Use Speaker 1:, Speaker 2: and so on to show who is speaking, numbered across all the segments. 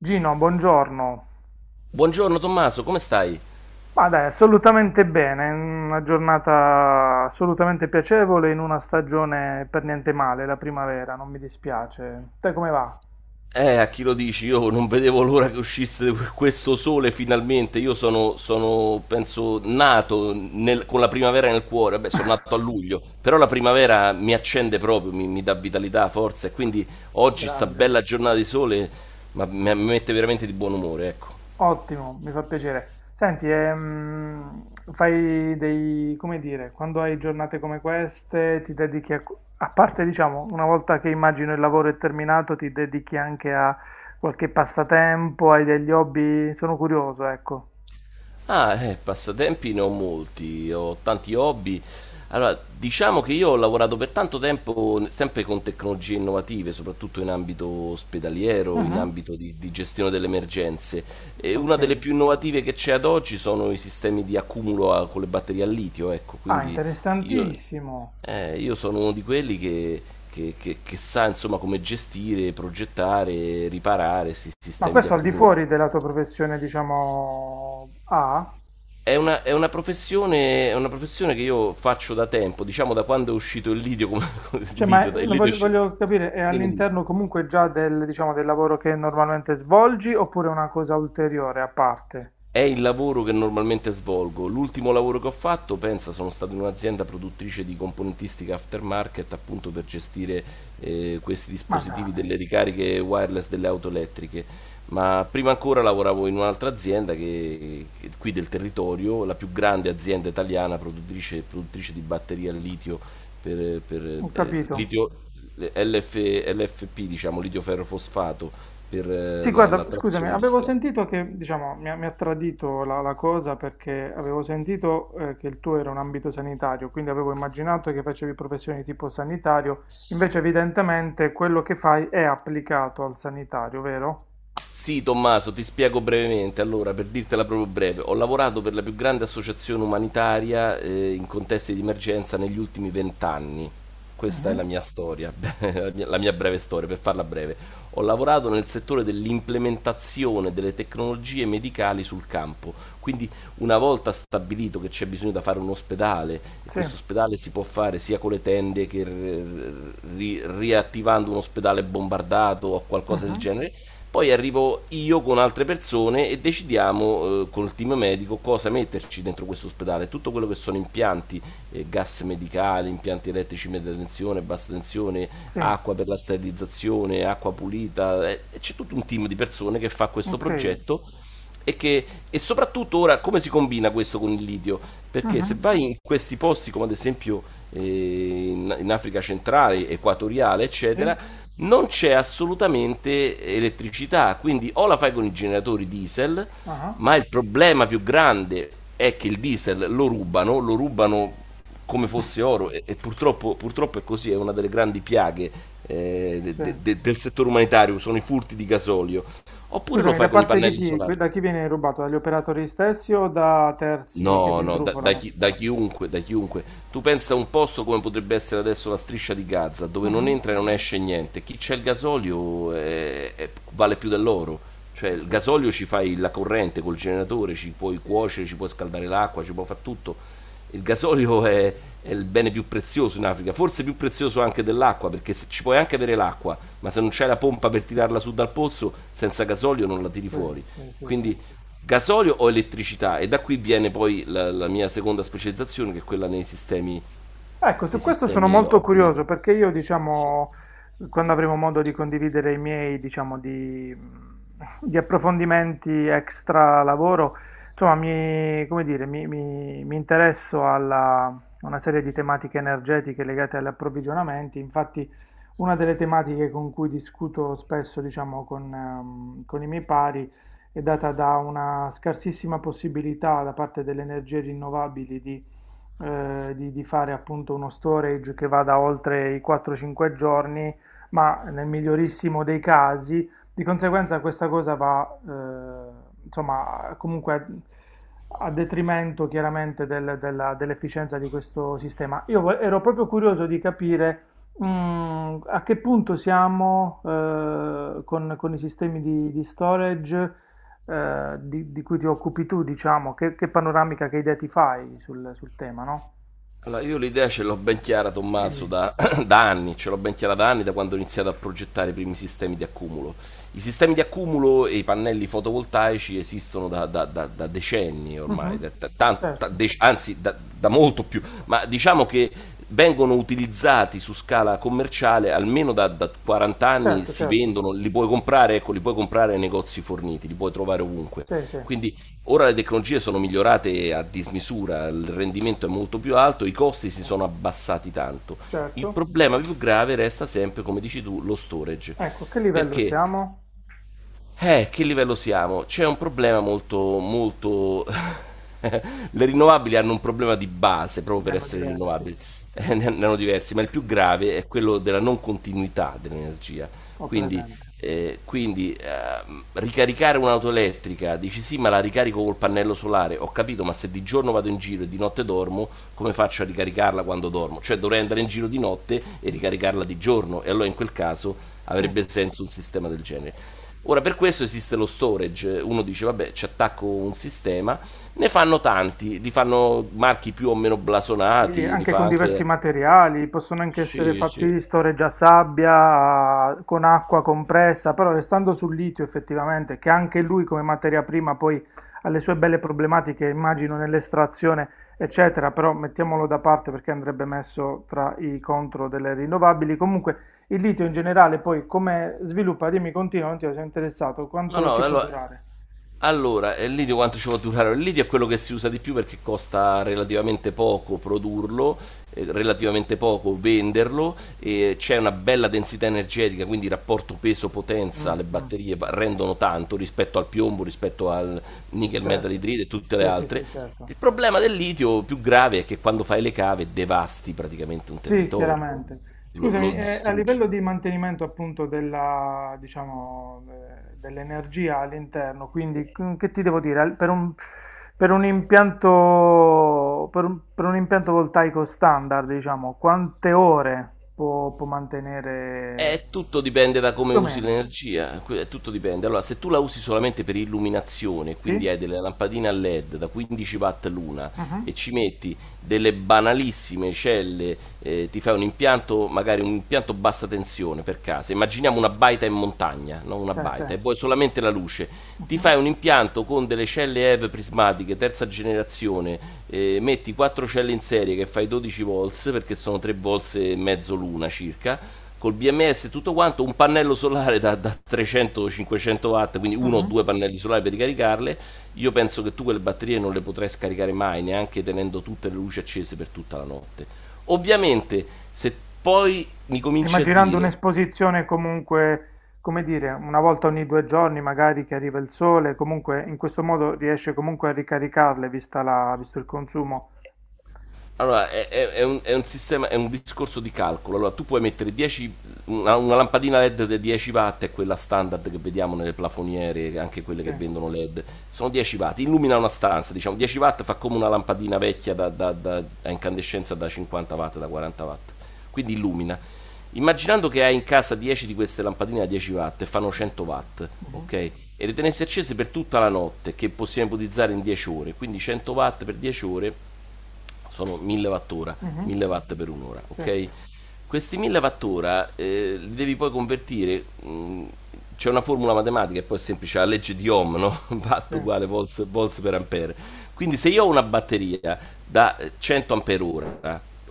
Speaker 1: Gino, buongiorno.
Speaker 2: Buongiorno Tommaso, come stai?
Speaker 1: Ma dai, assolutamente bene, una giornata assolutamente piacevole in una stagione per niente male, la primavera, non mi dispiace. Te come va?
Speaker 2: A chi lo dici? Io non vedevo l'ora che uscisse questo sole finalmente. Io sono, penso, nato con la primavera nel cuore. Beh, sono nato a luglio, però la primavera mi accende proprio, mi dà vitalità, forza. E quindi oggi sta
Speaker 1: Grande.
Speaker 2: bella giornata di sole, ma mi mette veramente di buon umore, ecco.
Speaker 1: Ottimo, mi fa piacere. Senti, fai dei, come dire, quando hai giornate come queste, ti dedichi a, a parte, diciamo, una volta che immagino il lavoro è terminato, ti dedichi anche a qualche passatempo, hai degli hobby? Sono curioso, ecco.
Speaker 2: Ah, passatempi ne ho molti, ho tanti hobby. Allora, diciamo che io ho lavorato per tanto tempo sempre con tecnologie innovative, soprattutto in ambito ospedaliero, in
Speaker 1: Mhm.
Speaker 2: ambito di gestione delle emergenze. E una
Speaker 1: Ok.
Speaker 2: delle più innovative che c'è ad oggi sono i sistemi di accumulo con le batterie a litio, ecco,
Speaker 1: Ah,
Speaker 2: quindi io,
Speaker 1: interessantissimo.
Speaker 2: io sono uno di quelli che sa insomma come gestire, progettare, riparare questi
Speaker 1: Ma
Speaker 2: sistemi di
Speaker 1: questo al di
Speaker 2: accumulo.
Speaker 1: fuori della tua professione, diciamo, A?
Speaker 2: È una professione che io faccio da tempo, diciamo da quando è uscito il Lidio, come,
Speaker 1: Cioè, ma
Speaker 2: Il
Speaker 1: non
Speaker 2: Lidio
Speaker 1: voglio,
Speaker 2: esce.
Speaker 1: voglio capire, è
Speaker 2: Dimmi, dimmi.
Speaker 1: all'interno comunque già del, diciamo, del lavoro che normalmente svolgi oppure è una cosa ulteriore a parte?
Speaker 2: È il lavoro che normalmente svolgo. L'ultimo lavoro che ho fatto, pensa, sono stato in un'azienda produttrice di componentistica aftermarket appunto per gestire questi
Speaker 1: Ma
Speaker 2: dispositivi
Speaker 1: dai,
Speaker 2: delle ricariche wireless delle auto elettriche. Ma prima ancora lavoravo in un'altra azienda qui del territorio, la più grande azienda italiana produttrice di batterie al litio per, per,
Speaker 1: ho
Speaker 2: eh,
Speaker 1: capito.
Speaker 2: litio LF LFP, diciamo, litio ferrofosfato per
Speaker 1: Sì,
Speaker 2: la
Speaker 1: guarda, scusami,
Speaker 2: trazione
Speaker 1: avevo
Speaker 2: industriale.
Speaker 1: sentito che, diciamo, mi ha tradito la, la cosa perché avevo sentito che il tuo era un ambito sanitario, quindi avevo immaginato che facevi professioni di tipo sanitario, invece evidentemente quello che fai è applicato al sanitario, vero?
Speaker 2: Sì, Tommaso, ti spiego brevemente. Allora, per dirtela proprio breve, ho lavorato per la più grande associazione umanitaria in contesti di emergenza negli ultimi vent'anni. Questa è la
Speaker 1: Mhm.
Speaker 2: mia storia, la mia breve storia, per farla breve. Ho lavorato nel settore dell'implementazione delle tecnologie medicali sul campo. Quindi, una volta stabilito che c'è bisogno da fare un ospedale, e
Speaker 1: Sì,
Speaker 2: questo ospedale si può fare sia con le tende che riattivando un ospedale bombardato o qualcosa del
Speaker 1: mhm.
Speaker 2: genere, poi arrivo io con altre persone e decidiamo con il team medico cosa metterci dentro questo ospedale. Tutto quello che sono impianti, gas medicali, impianti elettrici media tensione, bassa tensione,
Speaker 1: Sì,
Speaker 2: acqua per la sterilizzazione, acqua pulita. C'è tutto un team di persone che fa questo
Speaker 1: ok.
Speaker 2: progetto e soprattutto ora come si combina questo con il litio? Perché se
Speaker 1: Mhm.
Speaker 2: vai in questi posti come ad esempio eh, in Africa centrale, equatoriale,
Speaker 1: Sì,
Speaker 2: eccetera, non c'è assolutamente elettricità, quindi o la fai con i generatori diesel,
Speaker 1: ah,
Speaker 2: ma il problema più grande è che il diesel lo rubano come fosse oro e purtroppo, purtroppo è così, è una delle grandi piaghe
Speaker 1: sì.
Speaker 2: del settore umanitario, sono i furti di gasolio, oppure lo
Speaker 1: Scusami,
Speaker 2: fai
Speaker 1: da
Speaker 2: con i
Speaker 1: parte di
Speaker 2: pannelli
Speaker 1: chi? Que-
Speaker 2: solari.
Speaker 1: Da chi viene rubato? Dagli operatori stessi o da terzi che si
Speaker 2: No, no,
Speaker 1: intrufolano?
Speaker 2: da chiunque, da chiunque. Tu pensa a un posto come potrebbe essere adesso la striscia di Gaza, dove non
Speaker 1: Mhm,
Speaker 2: entra e non esce niente. Chi c'è il gasolio vale più dell'oro. Cioè,
Speaker 1: ho
Speaker 2: il gasolio
Speaker 1: capito.
Speaker 2: ci fai la corrente col generatore, ci puoi cuocere, ci puoi scaldare l'acqua, ci puoi fare tutto. Il gasolio è il bene più prezioso in Africa, forse più prezioso anche dell'acqua, perché ci puoi anche avere l'acqua, ma se non c'è la pompa per tirarla su dal pozzo, senza gasolio non la tiri
Speaker 1: Sì,
Speaker 2: fuori.
Speaker 1: sì, sì, sì.
Speaker 2: Quindi gasolio o elettricità e da qui viene poi la mia seconda specializzazione che è quella
Speaker 1: Ecco, su
Speaker 2: nei
Speaker 1: questo sono
Speaker 2: sistemi
Speaker 1: molto
Speaker 2: off-grid.
Speaker 1: curioso perché io,
Speaker 2: Sì.
Speaker 1: diciamo, quando avremo modo di condividere i miei, diciamo, di, di approfondimenti extra lavoro, insomma, mi, come dire, mi interesso alla, a una serie di tematiche energetiche legate agli approvvigionamenti. Infatti, una delle tematiche con cui discuto spesso, diciamo, con i miei pari è data da una scarsissima possibilità da parte delle energie rinnovabili di di fare appunto uno storage che vada oltre i 4-5 giorni, ma nel migliorissimo dei casi, di conseguenza questa cosa va, insomma, comunque a, a detrimento chiaramente del- della- dell'efficienza di questo sistema. Io vo- ero proprio curioso di capire a che punto siamo con i sistemi di storage di cui ti occupi tu, diciamo, che panoramica, che idea ti fai sul, sul tema, no?
Speaker 2: Allora, io l'idea ce l'ho ben chiara, Tommaso,
Speaker 1: Dimmi.
Speaker 2: da anni, ce l'ho ben chiara da anni, da quando ho iniziato a progettare i primi sistemi di accumulo. I sistemi di accumulo e i pannelli fotovoltaici esistono da decenni ormai,
Speaker 1: Mhm.
Speaker 2: da- da- tan- da
Speaker 1: Certo,
Speaker 2: dec- anzi da, da molto più, ma diciamo che vengono utilizzati su scala commerciale almeno da 40 anni,
Speaker 1: certo,
Speaker 2: si
Speaker 1: certo,
Speaker 2: vendono, li puoi comprare, ecco, li puoi comprare nei negozi forniti, li puoi trovare ovunque.
Speaker 1: sì, sì,
Speaker 2: Quindi ora le tecnologie sono migliorate a dismisura, il rendimento è molto più alto, i costi si sono abbassati tanto. Il
Speaker 1: certo.
Speaker 2: problema più grave resta sempre, come dici tu, lo storage.
Speaker 1: Ecco, a che livello
Speaker 2: Perché
Speaker 1: siamo?
Speaker 2: che livello siamo? C'è un problema molto, molto. Le rinnovabili hanno un problema di base proprio
Speaker 1: Ne
Speaker 2: per
Speaker 1: hanno
Speaker 2: essere
Speaker 1: diversi,
Speaker 2: rinnovabili, ne hanno diversi, ma il più grave è quello della non continuità dell'energia.
Speaker 1: ho
Speaker 2: Quindi,
Speaker 1: presente.
Speaker 2: quindi, ricaricare un'auto elettrica, dici sì, ma la ricarico col pannello solare, ho capito, ma se di giorno vado in giro e di notte dormo, come faccio a ricaricarla quando dormo? Cioè dovrei andare in giro di notte e ricaricarla di giorno, e allora in quel caso
Speaker 1: Sì.
Speaker 2: avrebbe senso un sistema del genere. Ora per questo esiste lo storage, uno dice vabbè ci attacco un sistema, ne fanno tanti, li fanno marchi più o meno
Speaker 1: Sì,
Speaker 2: blasonati, li
Speaker 1: anche
Speaker 2: fa
Speaker 1: con diversi
Speaker 2: anche.
Speaker 1: materiali, possono anche essere
Speaker 2: Sì, sì.
Speaker 1: fatti di storeggiasabbia, con acqua compressa, però restando sul litio effettivamente, che anche lui come materia prima poi ha le sue belle problematiche, immagino, nell'estrazione, eccetera, però mettiamolo da parte perché andrebbe messo tra i contro delle rinnovabili. Comunque il litio in generale poi come sviluppa, dimmi, continua, non ti sono interessato,
Speaker 2: No,
Speaker 1: quanto
Speaker 2: no,
Speaker 1: ci può durare?
Speaker 2: allora, il litio quanto ci può durare? Il litio è quello che si usa di più perché costa relativamente poco produrlo, relativamente poco venderlo, e c'è una bella densità energetica, quindi il rapporto peso-potenza,
Speaker 1: Mm,
Speaker 2: le
Speaker 1: mm,
Speaker 2: batterie rendono tanto rispetto al piombo, rispetto al nickel metal
Speaker 1: certo,
Speaker 2: idride e tutte le
Speaker 1: sì, sì,
Speaker 2: altre.
Speaker 1: sì, certo.
Speaker 2: Il problema del litio più grave è che quando fai le cave devasti praticamente un
Speaker 1: Sì,
Speaker 2: territorio,
Speaker 1: chiaramente.
Speaker 2: lo
Speaker 1: Scusami, a
Speaker 2: distruggi.
Speaker 1: livello di mantenimento appunto della, diciamo, dell'energia all'interno, quindi c- che ti devo dire? Al- per un impianto voltaico standard, diciamo, quante ore può, può mantenere
Speaker 2: Tutto dipende da come
Speaker 1: più o
Speaker 2: usi
Speaker 1: meno?
Speaker 2: l'energia, tutto dipende. Allora, se tu la usi solamente per illuminazione, quindi
Speaker 1: Sì?
Speaker 2: hai delle lampadine a LED da 15 watt l'una
Speaker 1: Mhm.
Speaker 2: e ci metti delle banalissime celle, ti fai un impianto, magari un impianto bassa tensione per casa, immaginiamo una baita in montagna, no? Una
Speaker 1: Sì, sì.
Speaker 2: baita, e vuoi solamente la luce, ti
Speaker 1: Mhm.
Speaker 2: fai un impianto con delle celle EV prismatiche, terza generazione, metti 4 celle in serie che fai 12 volts, perché sono 3 volts e mezzo l'una circa, col BMS e tutto quanto, un pannello solare da 300-500 watt, quindi uno o
Speaker 1: Mhm.
Speaker 2: due pannelli solari per ricaricarle, io penso che tu quelle batterie non le potrai scaricare mai, neanche tenendo tutte le luci accese per tutta la notte. Ovviamente, se poi mi cominci a
Speaker 1: Immaginando
Speaker 2: dire.
Speaker 1: un'esposizione comunque, come dire, una volta ogni due giorni magari che arriva il sole, comunque in questo modo riesce comunque a ricaricarle vista la, visto il consumo.
Speaker 2: Allora, è un sistema, è un discorso di calcolo. Allora, tu puoi mettere 10, una lampadina LED da 10 watt, è quella standard che vediamo nelle plafoniere, anche quelle
Speaker 1: Sì,
Speaker 2: che vendono LED. Sono 10 watt, illumina una stanza, diciamo 10 watt fa come una lampadina vecchia a incandescenza da 50 watt, da 40 watt. Quindi illumina. Immaginando che hai in casa 10 di queste lampadine da 10 watt e fanno
Speaker 1: sì.
Speaker 2: 100 watt,
Speaker 1: Mhm,
Speaker 2: ok? E le tenessi accese per tutta la notte, che possiamo ipotizzare in 10 ore. Quindi 100 watt per 10 ore sono 1000 wattora,
Speaker 1: mhm.
Speaker 2: 1000 watt per un'ora,
Speaker 1: Sì,
Speaker 2: ok? Questi 1000 wattora li devi poi convertire, c'è una formula matematica e poi è semplice, la legge di Ohm, no? Watt
Speaker 1: sì,
Speaker 2: uguale volts, volts per ampere. Quindi se io ho una batteria da 100 ampere ora,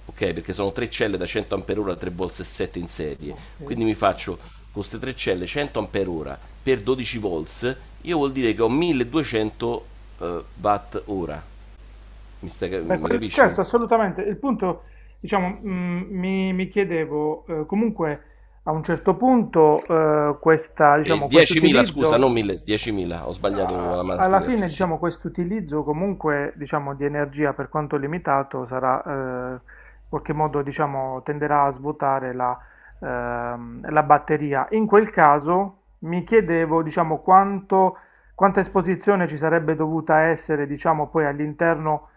Speaker 2: ok? Perché sono tre celle da 100 ampere ora, 3 volts e 7 in serie,
Speaker 1: ok.
Speaker 2: quindi mi faccio con queste tre celle 100 ampere ora per 12 volts, io vuol dire che ho 1200 watt ora. Mi, stai, cap-
Speaker 1: Beh,
Speaker 2: mi
Speaker 1: quel-
Speaker 2: capisci?
Speaker 1: certo, assolutamente. Il punto, diciamo, mi, mi chiedevo, comunque a un certo punto questa,
Speaker 2: E
Speaker 1: diciamo, questo
Speaker 2: 10.000, scusa,
Speaker 1: utilizzo.
Speaker 2: non 1.000, 10.000, ho sbagliato la
Speaker 1: A- Alla fine,
Speaker 2: moltiplicazione, sì.
Speaker 1: diciamo, questo utilizzo comunque, diciamo, di energia per quanto limitato sarà, in qualche modo, diciamo, tenderà a svuotare la, la batteria. In quel caso mi chiedevo, diciamo, quanto, quanta esposizione ci sarebbe dovuta essere, diciamo, poi all'interno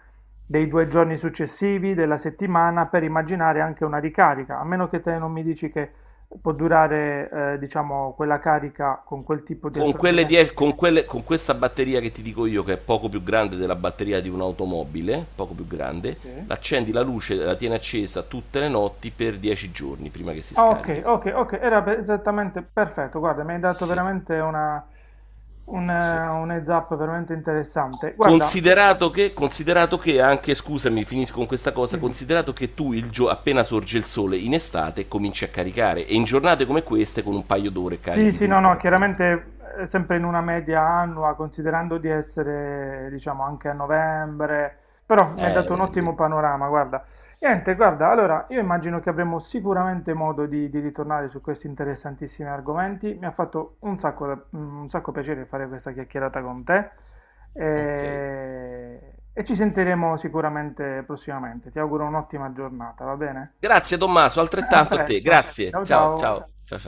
Speaker 1: dei due giorni successivi della settimana per immaginare anche una ricarica, a meno che te non mi dici che può durare, diciamo, quella carica con quel tipo di
Speaker 2: Con, quelle
Speaker 1: assorbimento.
Speaker 2: die- con, quelle- con questa batteria che ti dico io, che è poco più grande della batteria di un'automobile, poco più grande,
Speaker 1: Sì.
Speaker 2: l'accendi la luce, la tieni accesa tutte le notti per 10 giorni prima che si
Speaker 1: Ah,
Speaker 2: scarichi.
Speaker 1: ok, ok, ok, era per- esattamente perfetto. Guarda, mi hai dato
Speaker 2: Sì,
Speaker 1: veramente una,
Speaker 2: sì.
Speaker 1: un heads up veramente interessante. Guarda,
Speaker 2: Considerato che anche, scusami, finisco con questa cosa,
Speaker 1: dimmi.
Speaker 2: considerato che tu appena sorge il sole in estate cominci a caricare e in giornate come queste con un paio d'ore
Speaker 1: Sì,
Speaker 2: carichi
Speaker 1: sì, no,
Speaker 2: tutto.
Speaker 1: no, chiaramente sempre in una media annua, considerando di essere, diciamo, anche a novembre, però mi ha dato un
Speaker 2: Lì.
Speaker 1: ottimo panorama, guarda.
Speaker 2: Sì.
Speaker 1: Niente, guarda, allora io immagino che avremo sicuramente modo di ritornare su questi interessantissimi argomenti. Mi ha fatto un sacco, da- un sacco piacere fare questa chiacchierata con te
Speaker 2: Ok.
Speaker 1: e ci sentiremo sicuramente prossimamente. Ti auguro un'ottima giornata, va bene?
Speaker 2: Grazie Tommaso,
Speaker 1: A
Speaker 2: altrettanto a te.
Speaker 1: presto,
Speaker 2: Grazie.
Speaker 1: ciao
Speaker 2: Ciao,
Speaker 1: ciao.
Speaker 2: ciao. Ciao, ciao.